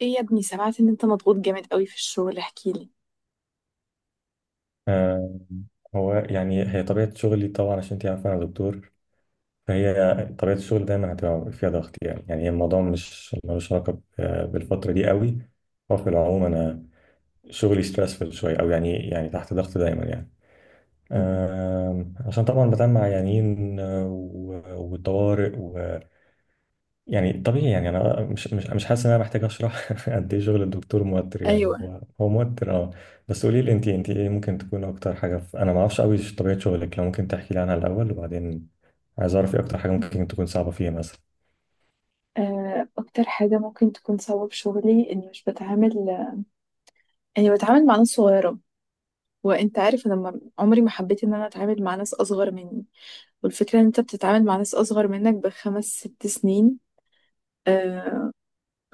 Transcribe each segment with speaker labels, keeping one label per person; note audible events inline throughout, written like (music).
Speaker 1: ايه يا ابني، سمعت ان انت مضغوط جامد قوي في الشغل، احكيلي.
Speaker 2: آه، هو يعني هي طبيعة شغلي طبعا، عشان انت عارفة أنا دكتور. فهي طبيعة الشغل دايما هتبقى فيها ضغط. يعني هي الموضوع مش ملوش علاقة بالفترة دي قوي. هو في العموم أنا شغلي ستريسفul شوية، أو يعني تحت ضغط دايما يعني.
Speaker 1: مم.
Speaker 2: عشان طبعا بتعامل مع عيانين، والطوارئ. يعني طبيعي، يعني انا مش حاسس ان انا محتاج اشرح (laughs) قد ايه شغل الدكتور موتر.
Speaker 1: ايوه.
Speaker 2: يعني هو موتر، اه. بس قولي لي، انت ايه ممكن تكون اكتر حاجه انا ما اعرفش قوي طبيعه شغلك. لو ممكن تحكي لي عنها الاول، وبعدين عايز اعرف ايه اكتر حاجه ممكن تكون صعبه فيها مثلا.
Speaker 1: اكتر حاجه ممكن تكون سبب شغلي اني مش بتعامل اني بتعامل مع ناس صغيره. وانت عارف، انا ما- عمري ما حبيت ان انا اتعامل مع ناس اصغر مني. والفكره ان انت بتتعامل مع ناس اصغر منك ب5 6 سنين، آه،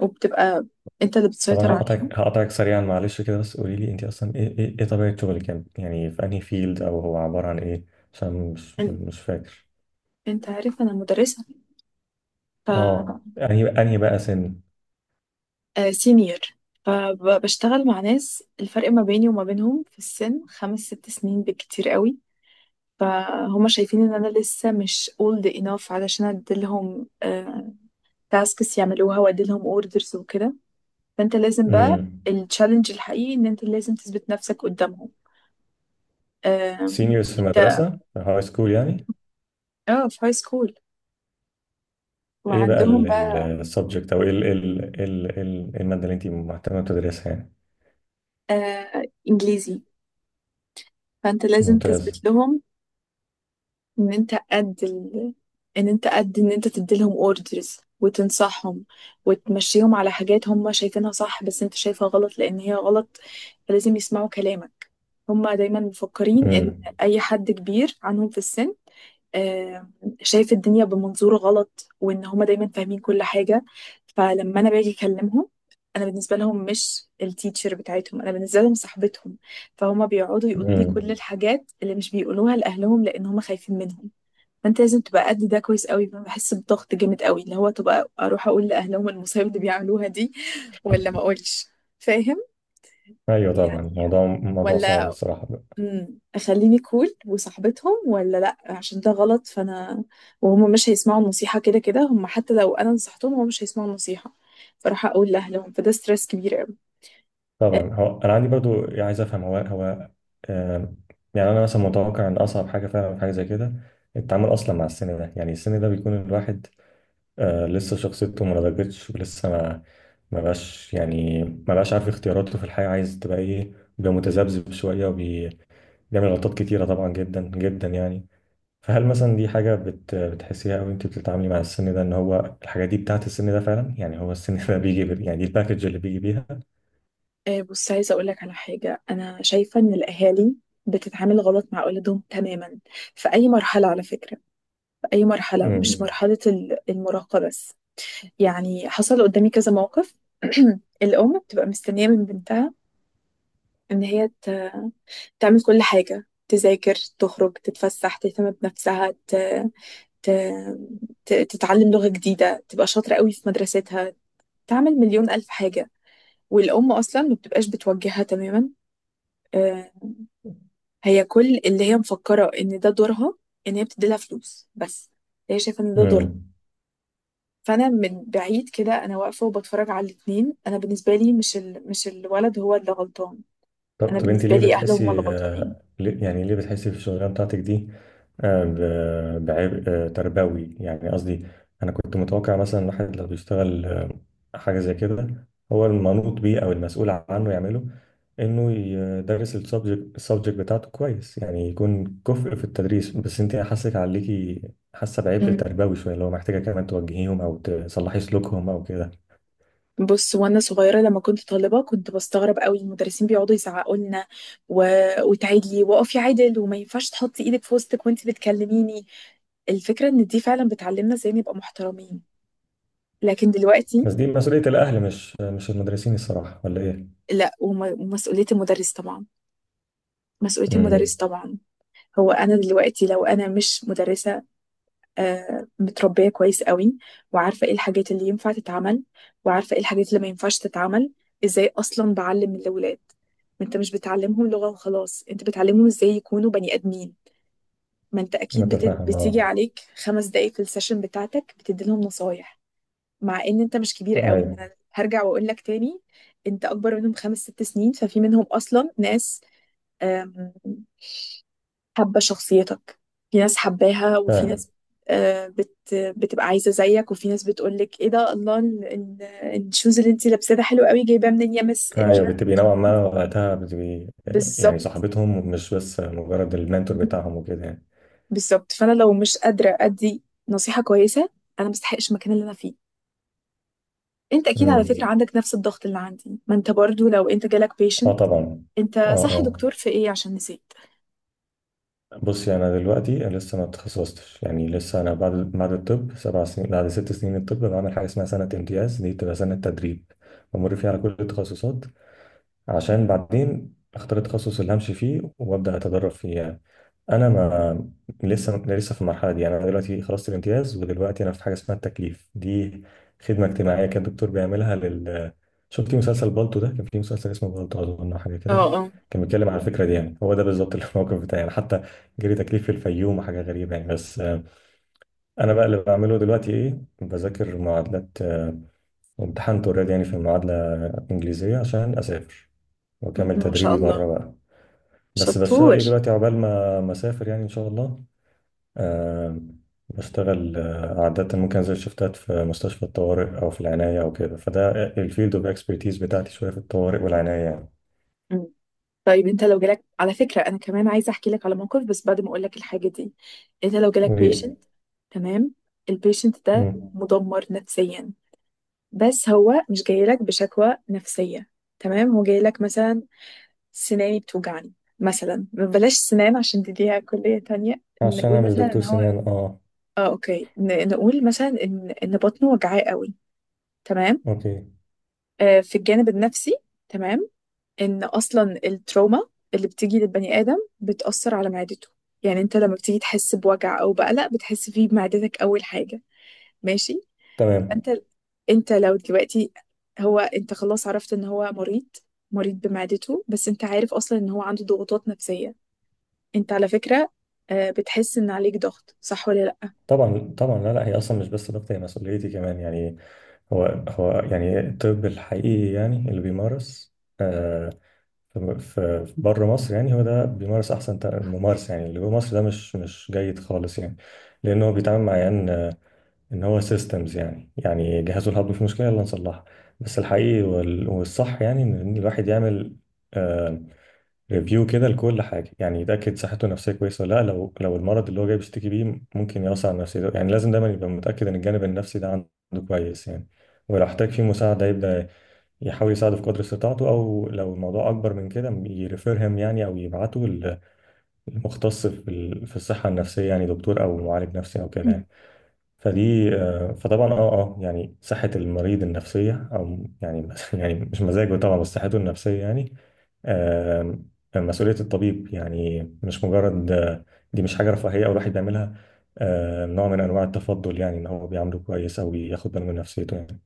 Speaker 1: وبتبقى انت اللي
Speaker 2: طبعا
Speaker 1: بتسيطر عليهم.
Speaker 2: هقطعك هقطعك سريعا، معلش كده. بس قولي لي، انت اصلا ايه إيه طبيعه شغلك؟ يعني في انهي فيلد، او هو عباره عن ايه؟ عشان مش
Speaker 1: إن-
Speaker 2: مش فاكر.
Speaker 1: انت عارف انا مدرسه،
Speaker 2: اه،
Speaker 1: ف
Speaker 2: انهي بقى سن؟
Speaker 1: آه، سينيور. فبشتغل مع ناس الفرق ما بيني وما بينهم في السن 5 6 سنين بالكتير قوي. فهم شايفين ان انا لسه مش old enough علشان اديلهم تاسكس يعملوها واديلهم اوردرز وكده. فانت لازم
Speaker 2: امم
Speaker 1: بقى، التشالنج الحقيقي ان انت لازم تثبت نفسك قدامهم.
Speaker 2: سينيورز في
Speaker 1: انت...
Speaker 2: مدرسه، في هاي سكول يعني.
Speaker 1: اه، في هاي سكول.
Speaker 2: ايه بقى
Speaker 1: وعندهم بقى،
Speaker 2: السبجكت، او ايه ال المادة اللي انت مهتمة تدرسها يعني؟
Speaker 1: آه، انجليزي. فانت لازم
Speaker 2: ممتاز.
Speaker 1: تثبت لهم ان انت قد ال... ان انت قد، ان انت تديلهم اوردرز وتنصحهم، وتمشيهم على حاجات هم شايفينها صح بس انت شايفها غلط، لان هي غلط. فلازم يسمعوا كلامك. هم دايما مفكرين ان
Speaker 2: امم
Speaker 1: اي حد كبير عنهم في السن، آه، شايف الدنيا بمنظور غلط، وان هما دايما فاهمين كل حاجة. فلما انا باجي اكلمهم، انا بالنسبة لهم مش التيتشر بتاعتهم، انا بالنسبة لهم صاحبتهم. فهما بيقعدوا يقولوا لي كل
Speaker 2: امم
Speaker 1: الحاجات اللي مش بيقولوها لأهلهم، لأن هما خايفين منهم. فأنت لازم تبقى قد ده كويس قوي. فأنا بحس بضغط جامد قوي، اللي هو تبقى أروح أقول لأهلهم المصايب اللي بيعملوها دي ولا ما أقولش؟ فاهم؟
Speaker 2: ايوه طبعا،
Speaker 1: يعني،
Speaker 2: موضوع موضوع صعب
Speaker 1: ولا
Speaker 2: الصراحة.
Speaker 1: أخليني كول وصاحبتهم، ولا لأ عشان ده غلط. فأنا وهم مش هيسمعوا النصيحة كده كده، هم حتى لو أنا نصحتهم هم مش هيسمعوا النصيحة، فراح أقول لأهلهم. فده ستريس كبير قوي.
Speaker 2: طبعا، هو انا عندي برضو يعني عايز افهم هو. آم، يعني انا مثلا متوقع ان اصعب حاجة فعلا في حاجة زي كده التعامل اصلا مع السن ده. يعني السن ده بيكون الواحد لسه شخصيته ما نضجتش، ولسه ما بقاش، يعني ما بقاش عارف اختياراته في الحياة عايز تبقى ايه. بيبقى متذبذب شوية، بيعمل غلطات كتيرة طبعا، جدا جدا يعني. فهل مثلا دي حاجة بتحسيها، أو أنت بتتعاملي مع السن ده إن هو الحاجات دي بتاعت السن ده فعلا؟ يعني هو السن (laughs) ده بيجي. يعني دي الباكج اللي بيجي بيها.
Speaker 1: بص، عايزة أقول لك على حاجة. أنا شايفة إن الأهالي بتتعامل غلط مع أولادهم تماما في أي مرحلة، على فكرة. في أي مرحلة، مش
Speaker 2: امم
Speaker 1: مرحلة المراهقة بس. يعني حصل قدامي كذا موقف. (clears throat) الأم بتبقى مستنية من بنتها إن هي تعمل كل حاجة، تذاكر، تخرج، تتفسح، تهتم بنفسها، ت... تتعلم لغة جديدة، تبقى شاطرة قوي في مدرستها، تعمل مليون ألف حاجة. والأم أصلا ما بتبقاش بتوجهها تماما. آه، هي كل اللي هي مفكرة ان ده دورها، ان هي بتديلها فلوس بس. هي شايفة ان ده دورها.
Speaker 2: امم
Speaker 1: فانا من بعيد كده انا واقفة وبتفرج على الاتنين. انا بالنسبة لي، مش الولد هو اللي غلطان،
Speaker 2: طب
Speaker 1: انا
Speaker 2: طب انت
Speaker 1: بالنسبة
Speaker 2: ليه
Speaker 1: لي اهله هما
Speaker 2: بتحسي
Speaker 1: اللي غلطانين.
Speaker 2: يعني ليه بتحسي في الشغلانه بتاعتك دي بعبء تربوي يعني، قصدي. انا كنت متوقع مثلا الواحد لو بيشتغل حاجه زي كده هو المنوط بيه او المسؤول عنه يعمله، انه يدرس السبجكت السبجكت بتاعته كويس، يعني يكون كفء في التدريس. بس انت حاسك عليكي، حاسه بعبء
Speaker 1: مم.
Speaker 2: تربوي شويه، اللي هو محتاجه كمان توجهيهم او تصلحي سلوكهم او كده.
Speaker 1: بص، وانا صغيره لما كنت طالبه، كنت بستغرب قوي المدرسين بيقعدوا يزعقوا لنا، و... وتعيدي، واقفي عدل، وما ينفعش تحطي ايدك في وسطك وانت بتكلميني. الفكره ان دي فعلا بتعلمنا ازاي نبقى محترمين، لكن دلوقتي.
Speaker 2: بس دي مسؤوليه الاهل، مش المدرسين الصراحه، ولا ايه؟
Speaker 1: لا، ومسؤوليه المدرس طبعا. مسؤولية
Speaker 2: امم
Speaker 1: المدرس طبعا. هو أنا دلوقتي لو أنا مش مدرسة، آه، متربية كويس قوي، وعارفة إيه الحاجات اللي ينفع تتعمل، وعارفة إيه الحاجات اللي ما ينفعش تتعمل، إزاي أصلا بعلم الأولاد؟ ما أنت مش بتعلمهم لغة وخلاص، أنت بتعلمهم إزاي يكونوا بني آدمين. ما أنت أكيد
Speaker 2: متفاهم اه.
Speaker 1: بتيجي عليك 5 دقايق في السيشن بتاعتك بتدي لهم نصايح، مع إن أنت مش كبير قوي. ما
Speaker 2: ايوه
Speaker 1: أنا هرجع وأقول لك تاني، أنت أكبر منهم 5 6 سنين. ففي منهم أصلا ناس، آم، حابة شخصيتك. في ناس حباها وفي
Speaker 2: فاهم.
Speaker 1: ناس، آه، بت بتبقى عايزة زيك. وفي ناس بتقولك ايه ده، الله، الشوز اللي انتي لابساه ده حلو قوي، جايباه منين يا مس، مش
Speaker 2: ايوه،
Speaker 1: عارفة.
Speaker 2: بتبقي نوعا ما وقتها بتبقي يعني
Speaker 1: بالظبط،
Speaker 2: صاحبتهم، مش بس مجرد المنتور بتاعهم وكده يعني.
Speaker 1: بالظبط. فانا لو مش قادرة ادي نصيحة كويسة، انا مستحقش المكان اللي انا فيه. انت اكيد على فكرة
Speaker 2: امم
Speaker 1: عندك نفس الضغط اللي عندي. ما انت برضو لو انت جالك
Speaker 2: اه
Speaker 1: بيشنت...
Speaker 2: طبعا. اه
Speaker 1: انت صح
Speaker 2: اه،
Speaker 1: دكتور في ايه؟ عشان نسيت.
Speaker 2: بصي انا دلوقتي لسه ما اتخصصتش. يعني لسه انا بعد الطب 7 سنين، بعد 6 سنين الطب بعمل حاجه اسمها سنه امتياز. دي بتبقى سنه تدريب بمر فيها على كل التخصصات عشان بعدين اختار التخصص اللي همشي فيه وابدا اتدرب فيه يعني. انا ما لسه في المرحله دي. يعني انا دلوقتي خلصت الامتياز، ودلوقتي انا في حاجه اسمها التكليف. دي خدمه اجتماعيه كان الدكتور بيعملها لل، شفتي مسلسل بالطو ده؟ كان في مسلسل اسمه بالطو اظن أو حاجه
Speaker 1: اه،
Speaker 2: كده،
Speaker 1: اه.
Speaker 2: كان بيتكلم على الفكره دي. يعني هو ده بالظبط (laughs) الموقف بتاعي يعني، حتى جري تكليف في الفيوم وحاجه غريبه يعني. بس انا بقى اللي بعمله دلوقتي ايه؟ بذاكر معادلات، وامتحنت اوريدي يعني في المعادله الانجليزيه عشان اسافر
Speaker 1: مهم.
Speaker 2: واكمل
Speaker 1: ما شاء
Speaker 2: تدريبي
Speaker 1: الله،
Speaker 2: بره بقى. بس بشتغل
Speaker 1: شطور.
Speaker 2: ايه دلوقتي عقبال ما اسافر يعني ان شاء الله. أه، بشتغل عادة ممكن انزل شفتات في مستشفى الطوارئ او في العناية او كده. فده الفيلد اوف اكسبرتيز بتاعتي، شوية في الطوارئ والعناية يعني.
Speaker 1: طيب انت لو جالك على فكرة، انا كمان عايزة احكي لك على موقف، بس بعد ما اقول لك الحاجة دي. انت لو جالك
Speaker 2: قولي لي.
Speaker 1: بيشنت، تمام؟ البيشنت ده
Speaker 2: مم.
Speaker 1: مدمر نفسيا، بس هو مش جاي لك بشكوى نفسية. تمام، هو جاي لك مثلا سناني بتوجعني. مثلا بلاش سنان عشان دي ليها كلية تانية،
Speaker 2: عشان انا
Speaker 1: نقول
Speaker 2: مش
Speaker 1: مثلا ان
Speaker 2: دكتور
Speaker 1: هو...
Speaker 2: سنان اه.
Speaker 1: اه، اوكي، نقول مثلا ان بطنه وجعاه قوي، تمام.
Speaker 2: اوكي.
Speaker 1: آه، في الجانب النفسي، تمام. ان اصلا التروما اللي بتيجي للبني ادم بتاثر على معدته. يعني انت لما بتيجي تحس بوجع او بقلق، بتحس فيه بمعدتك اول حاجه، ماشي؟
Speaker 2: تمام.
Speaker 1: انت انت لو دلوقتي، هو انت خلاص عرفت ان هو مريض، مريض بمعدته، بس انت عارف اصلا ان هو عنده ضغوطات نفسيه. انت على فكره، آه، بتحس ان عليك ضغط، صح ولا لا؟
Speaker 2: طبعا طبعا، لا لا، هي اصلا مش بس ضغطي، هي مسؤوليتي كمان يعني. هو يعني الطب الحقيقي، يعني اللي بيمارس في بره مصر، يعني هو ده بيمارس احسن ممارسه. يعني اللي جوه مصر ده مش جيد خالص يعني، لان هو بيتعامل مع عيان ان هو سيستمز. يعني يعني جهازه الهضمي في مشكله يلا نصلحها. بس الحقيقي والصح يعني ان إن الواحد يعمل ريفيو كده لكل حاجه، يعني يتاكد صحته النفسيه كويسه ولا لا، لو المرض اللي هو جاي بيشتكي بيه ممكن يأثر على نفسيته. يعني لازم دايما يبقى متاكد ان الجانب النفسي ده عنده كويس يعني، ولو احتاج فيه مساعده يبدا يحاول يساعده في قدر استطاعته، او لو الموضوع اكبر من كده يريفيرهم يعني، او يبعته للمختص في في الصحه النفسيه يعني، دكتور او معالج نفسي او كده
Speaker 1: مم.
Speaker 2: يعني. فدي فطبعا اه اه يعني صحه المريض النفسيه او يعني (laughs) يعني مش مزاجه طبعا، بس صحته النفسيه يعني آه، مسؤوليه الطبيب. يعني مش مجرد دي مش حاجه رفاهيه او الواحد بيعملها نوع من انواع التفضل، يعني ان هو بيعامله كويس او بياخد باله من نفسيته يعني.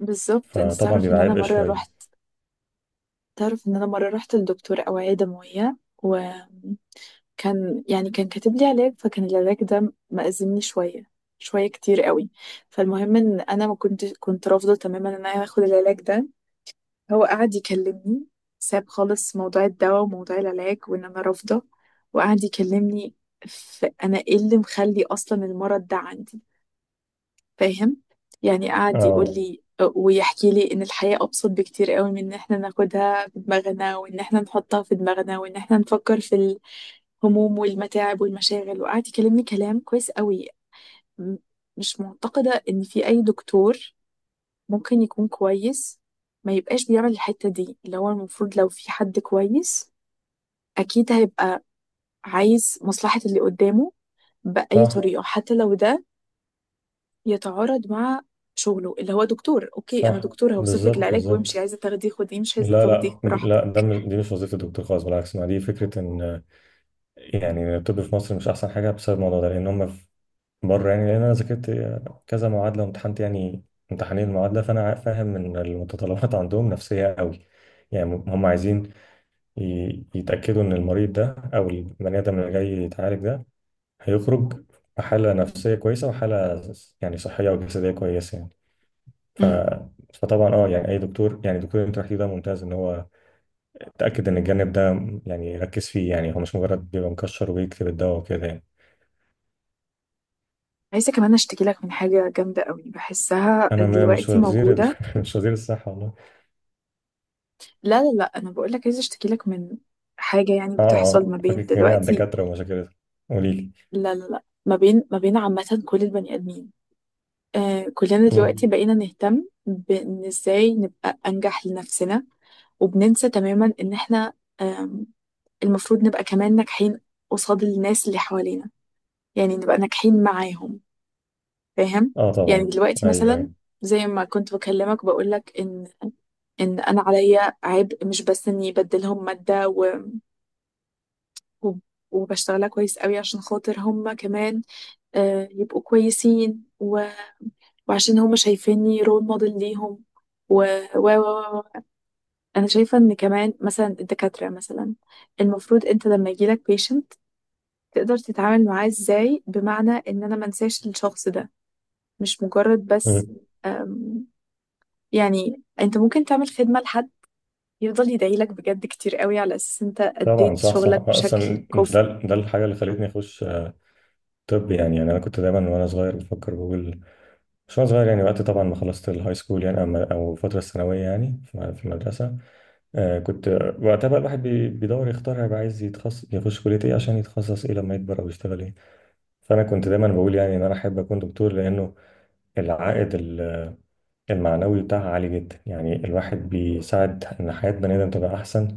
Speaker 1: بالظبط. انت
Speaker 2: فطبعا
Speaker 1: تعرف ان
Speaker 2: بيبقى
Speaker 1: انا
Speaker 2: عبء
Speaker 1: مره
Speaker 2: شويه.
Speaker 1: رحت، تعرف ان انا مره رحت لدكتور اوعيه دمويه، و كان يعني كان كاتب لي علاج، فكان العلاج ده مأزمني شوية، شوية كتير قوي. فالمهم ان انا ما كنت رافضة تماما ان انا اخد العلاج ده. هو قعد يكلمني، ساب خالص موضوع الدواء وموضوع العلاج وان انا رافضة، وقعد يكلمني في انا ايه اللي مخلي اصلا المرض ده عندي. فاهم؟ يعني قعد يقول
Speaker 2: اه
Speaker 1: لي ويحكي لي ان الحياة ابسط بكتير قوي من ان احنا ناخدها في دماغنا، وان احنا نحطها في دماغنا، وان احنا نفكر في هموم والمتاعب والمشاغل. وقعد يكلمني كلام كويس قوي. م- مش معتقدة ان في اي دكتور ممكن يكون كويس ما يبقاش بيعمل الحتة دي، اللي هو المفروض لو في حد كويس اكيد هيبقى عايز مصلحة اللي قدامه بأي
Speaker 2: صح
Speaker 1: طريقة، حتى لو ده يتعارض مع شغله اللي هو دكتور. اوكي انا
Speaker 2: صح،
Speaker 1: دكتور هوصف لك
Speaker 2: بالظبط
Speaker 1: العلاج وامشي،
Speaker 2: بالظبط.
Speaker 1: عايزة تاخديه خديه، مش عايزة
Speaker 2: لا لا
Speaker 1: تاخديه
Speaker 2: لا، ده
Speaker 1: براحتك.
Speaker 2: مش، دي مش وظيفة الدكتور خالص. بالعكس، ما دي فكرة ان يعني الطب في مصر مش احسن حاجة بسبب الموضوع ده، لان هم في بره يعني. لان انا ذاكرت كذا معادلة وامتحنت يعني امتحانين المعادلة، فانا فاهم ان المتطلبات عندهم نفسية قوي. يعني هم عايزين يتأكدوا ان المريض ده او البني ادم اللي جاي يتعالج ده هيخرج بحالة نفسية كويسة وحالة يعني صحية وجسدية كويسة يعني. ف...
Speaker 1: مم.
Speaker 2: فطبعا اه يعني اي دكتور، يعني دكتور انت رحتيه ده ممتاز ان هو اتاكد ان الجانب ده، يعني ركز فيه. يعني هو مش مجرد بيبقى مكشر وبيكتب الدواء وكده يعني.
Speaker 1: عايزة كمان اشتكي لك من حاجة جامدة قوي بحسها
Speaker 2: انا ما- مش
Speaker 1: دلوقتي
Speaker 2: وزير ال-
Speaker 1: موجودة.
Speaker 2: (laughs) مش وزير الصحه والله.
Speaker 1: لا لا لا، انا بقول لك عايزه اشتكي لك من حاجه يعني
Speaker 2: اه
Speaker 1: بتحصل ما
Speaker 2: اه،
Speaker 1: بين
Speaker 2: فاكك جميع
Speaker 1: دلوقتي.
Speaker 2: الدكاتره ومشاكلهم. قولي لي.
Speaker 1: لا لا لا، ما بين عامه كل البني ادمين. آه، كلنا دلوقتي
Speaker 2: مم.
Speaker 1: بقينا نهتم بان ازاي نبقى انجح لنفسنا، وبننسى تماما ان احنا، آم، المفروض نبقى كمان ناجحين قصاد الناس اللي حوالينا. يعني نبقى ناجحين معاهم، فاهم؟
Speaker 2: اه
Speaker 1: يعني
Speaker 2: طبعا.
Speaker 1: دلوقتي
Speaker 2: ايوه
Speaker 1: مثلا
Speaker 2: ايوه.
Speaker 1: زي ما كنت بكلمك، بقول لك ان انا عليا عبء مش بس اني بدلهم ماده، وب- وبشتغلها كويس قوي عشان خاطر هما كمان، آه، يبقوا كويسين، وعشان هما شايفيني رول موديل ليهم. و و و و- انا شايفه ان كمان مثلا الدكاتره مثلا، المفروض انت لما يجيلك بيشنت تقدر تتعامل معاه ازاي، بمعنى ان انا منساش الشخص ده، مش مجرد بس.
Speaker 2: مم.
Speaker 1: آم، يعني انت ممكن تعمل خدمه لحد يفضل يدعيلك بجد كتير قوي، على اساس انت
Speaker 2: طبعا
Speaker 1: اديت
Speaker 2: صح صح،
Speaker 1: شغلك بشكل
Speaker 2: اصلا
Speaker 1: كفء.
Speaker 2: ده الحاجه اللي خلتني اخش طب. يعني انا كنت دايما وانا صغير بفكر بقول، مش وانا صغير يعني وقت طبعا ما خلصت الهاي سكول يعني، او الفتره الثانويه يعني في المدرسه، آه كنت وقتها بقى الواحد بيدور يختار هيبقى عايز يتخصص، يخش كلية ايه عشان يتخصص ايه لما يكبر او يشتغل ايه. فانا كنت دايما بقول يعني ان انا احب اكون دكتور، لانه العائد المعنوي بتاعها عالي جدا. يعني الواحد بيساعد ان حياة بني ادم تبقى احسن،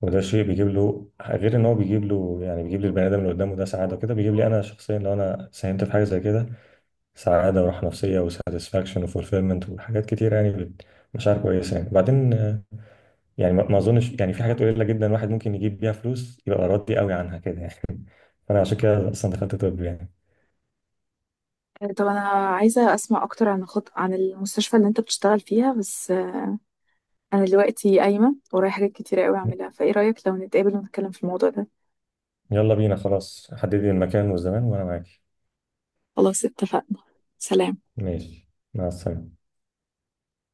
Speaker 2: وده شيء بيجيب له غير ان هو بيجيب له، يعني بيجيب للبني ادم اللي قدامه ده سعادة وكده، بيجيب لي انا شخصيا لو انا ساهمت في حاجة زي كده سعادة وراحة نفسية وساتسفاكشن وفولفيلمنت وحاجات كتير يعني. مشاعر كويسة يعني بعدين. يعني ما اظنش يعني في حاجات قليله جدا الواحد ممكن يجيب بيها فلوس يبقى راضي قوي عنها كده يعني. (laughs) فانا عشان كده اصلا دخلت طب يعني.
Speaker 1: طب انا عايزه اسمع اكتر عن عن المستشفى اللي انت بتشتغل فيها، بس آه، انا دلوقتي قايمه ورايا حاجات كتيره قوي اعملها. فايه رايك لو نتقابل ونتكلم في الموضوع ده؟
Speaker 2: يلا بينا خلاص، حددي المكان والزمان وانا معاكي.
Speaker 1: خلاص، اتفقنا. سلام.
Speaker 2: ماشي. مع السلامه.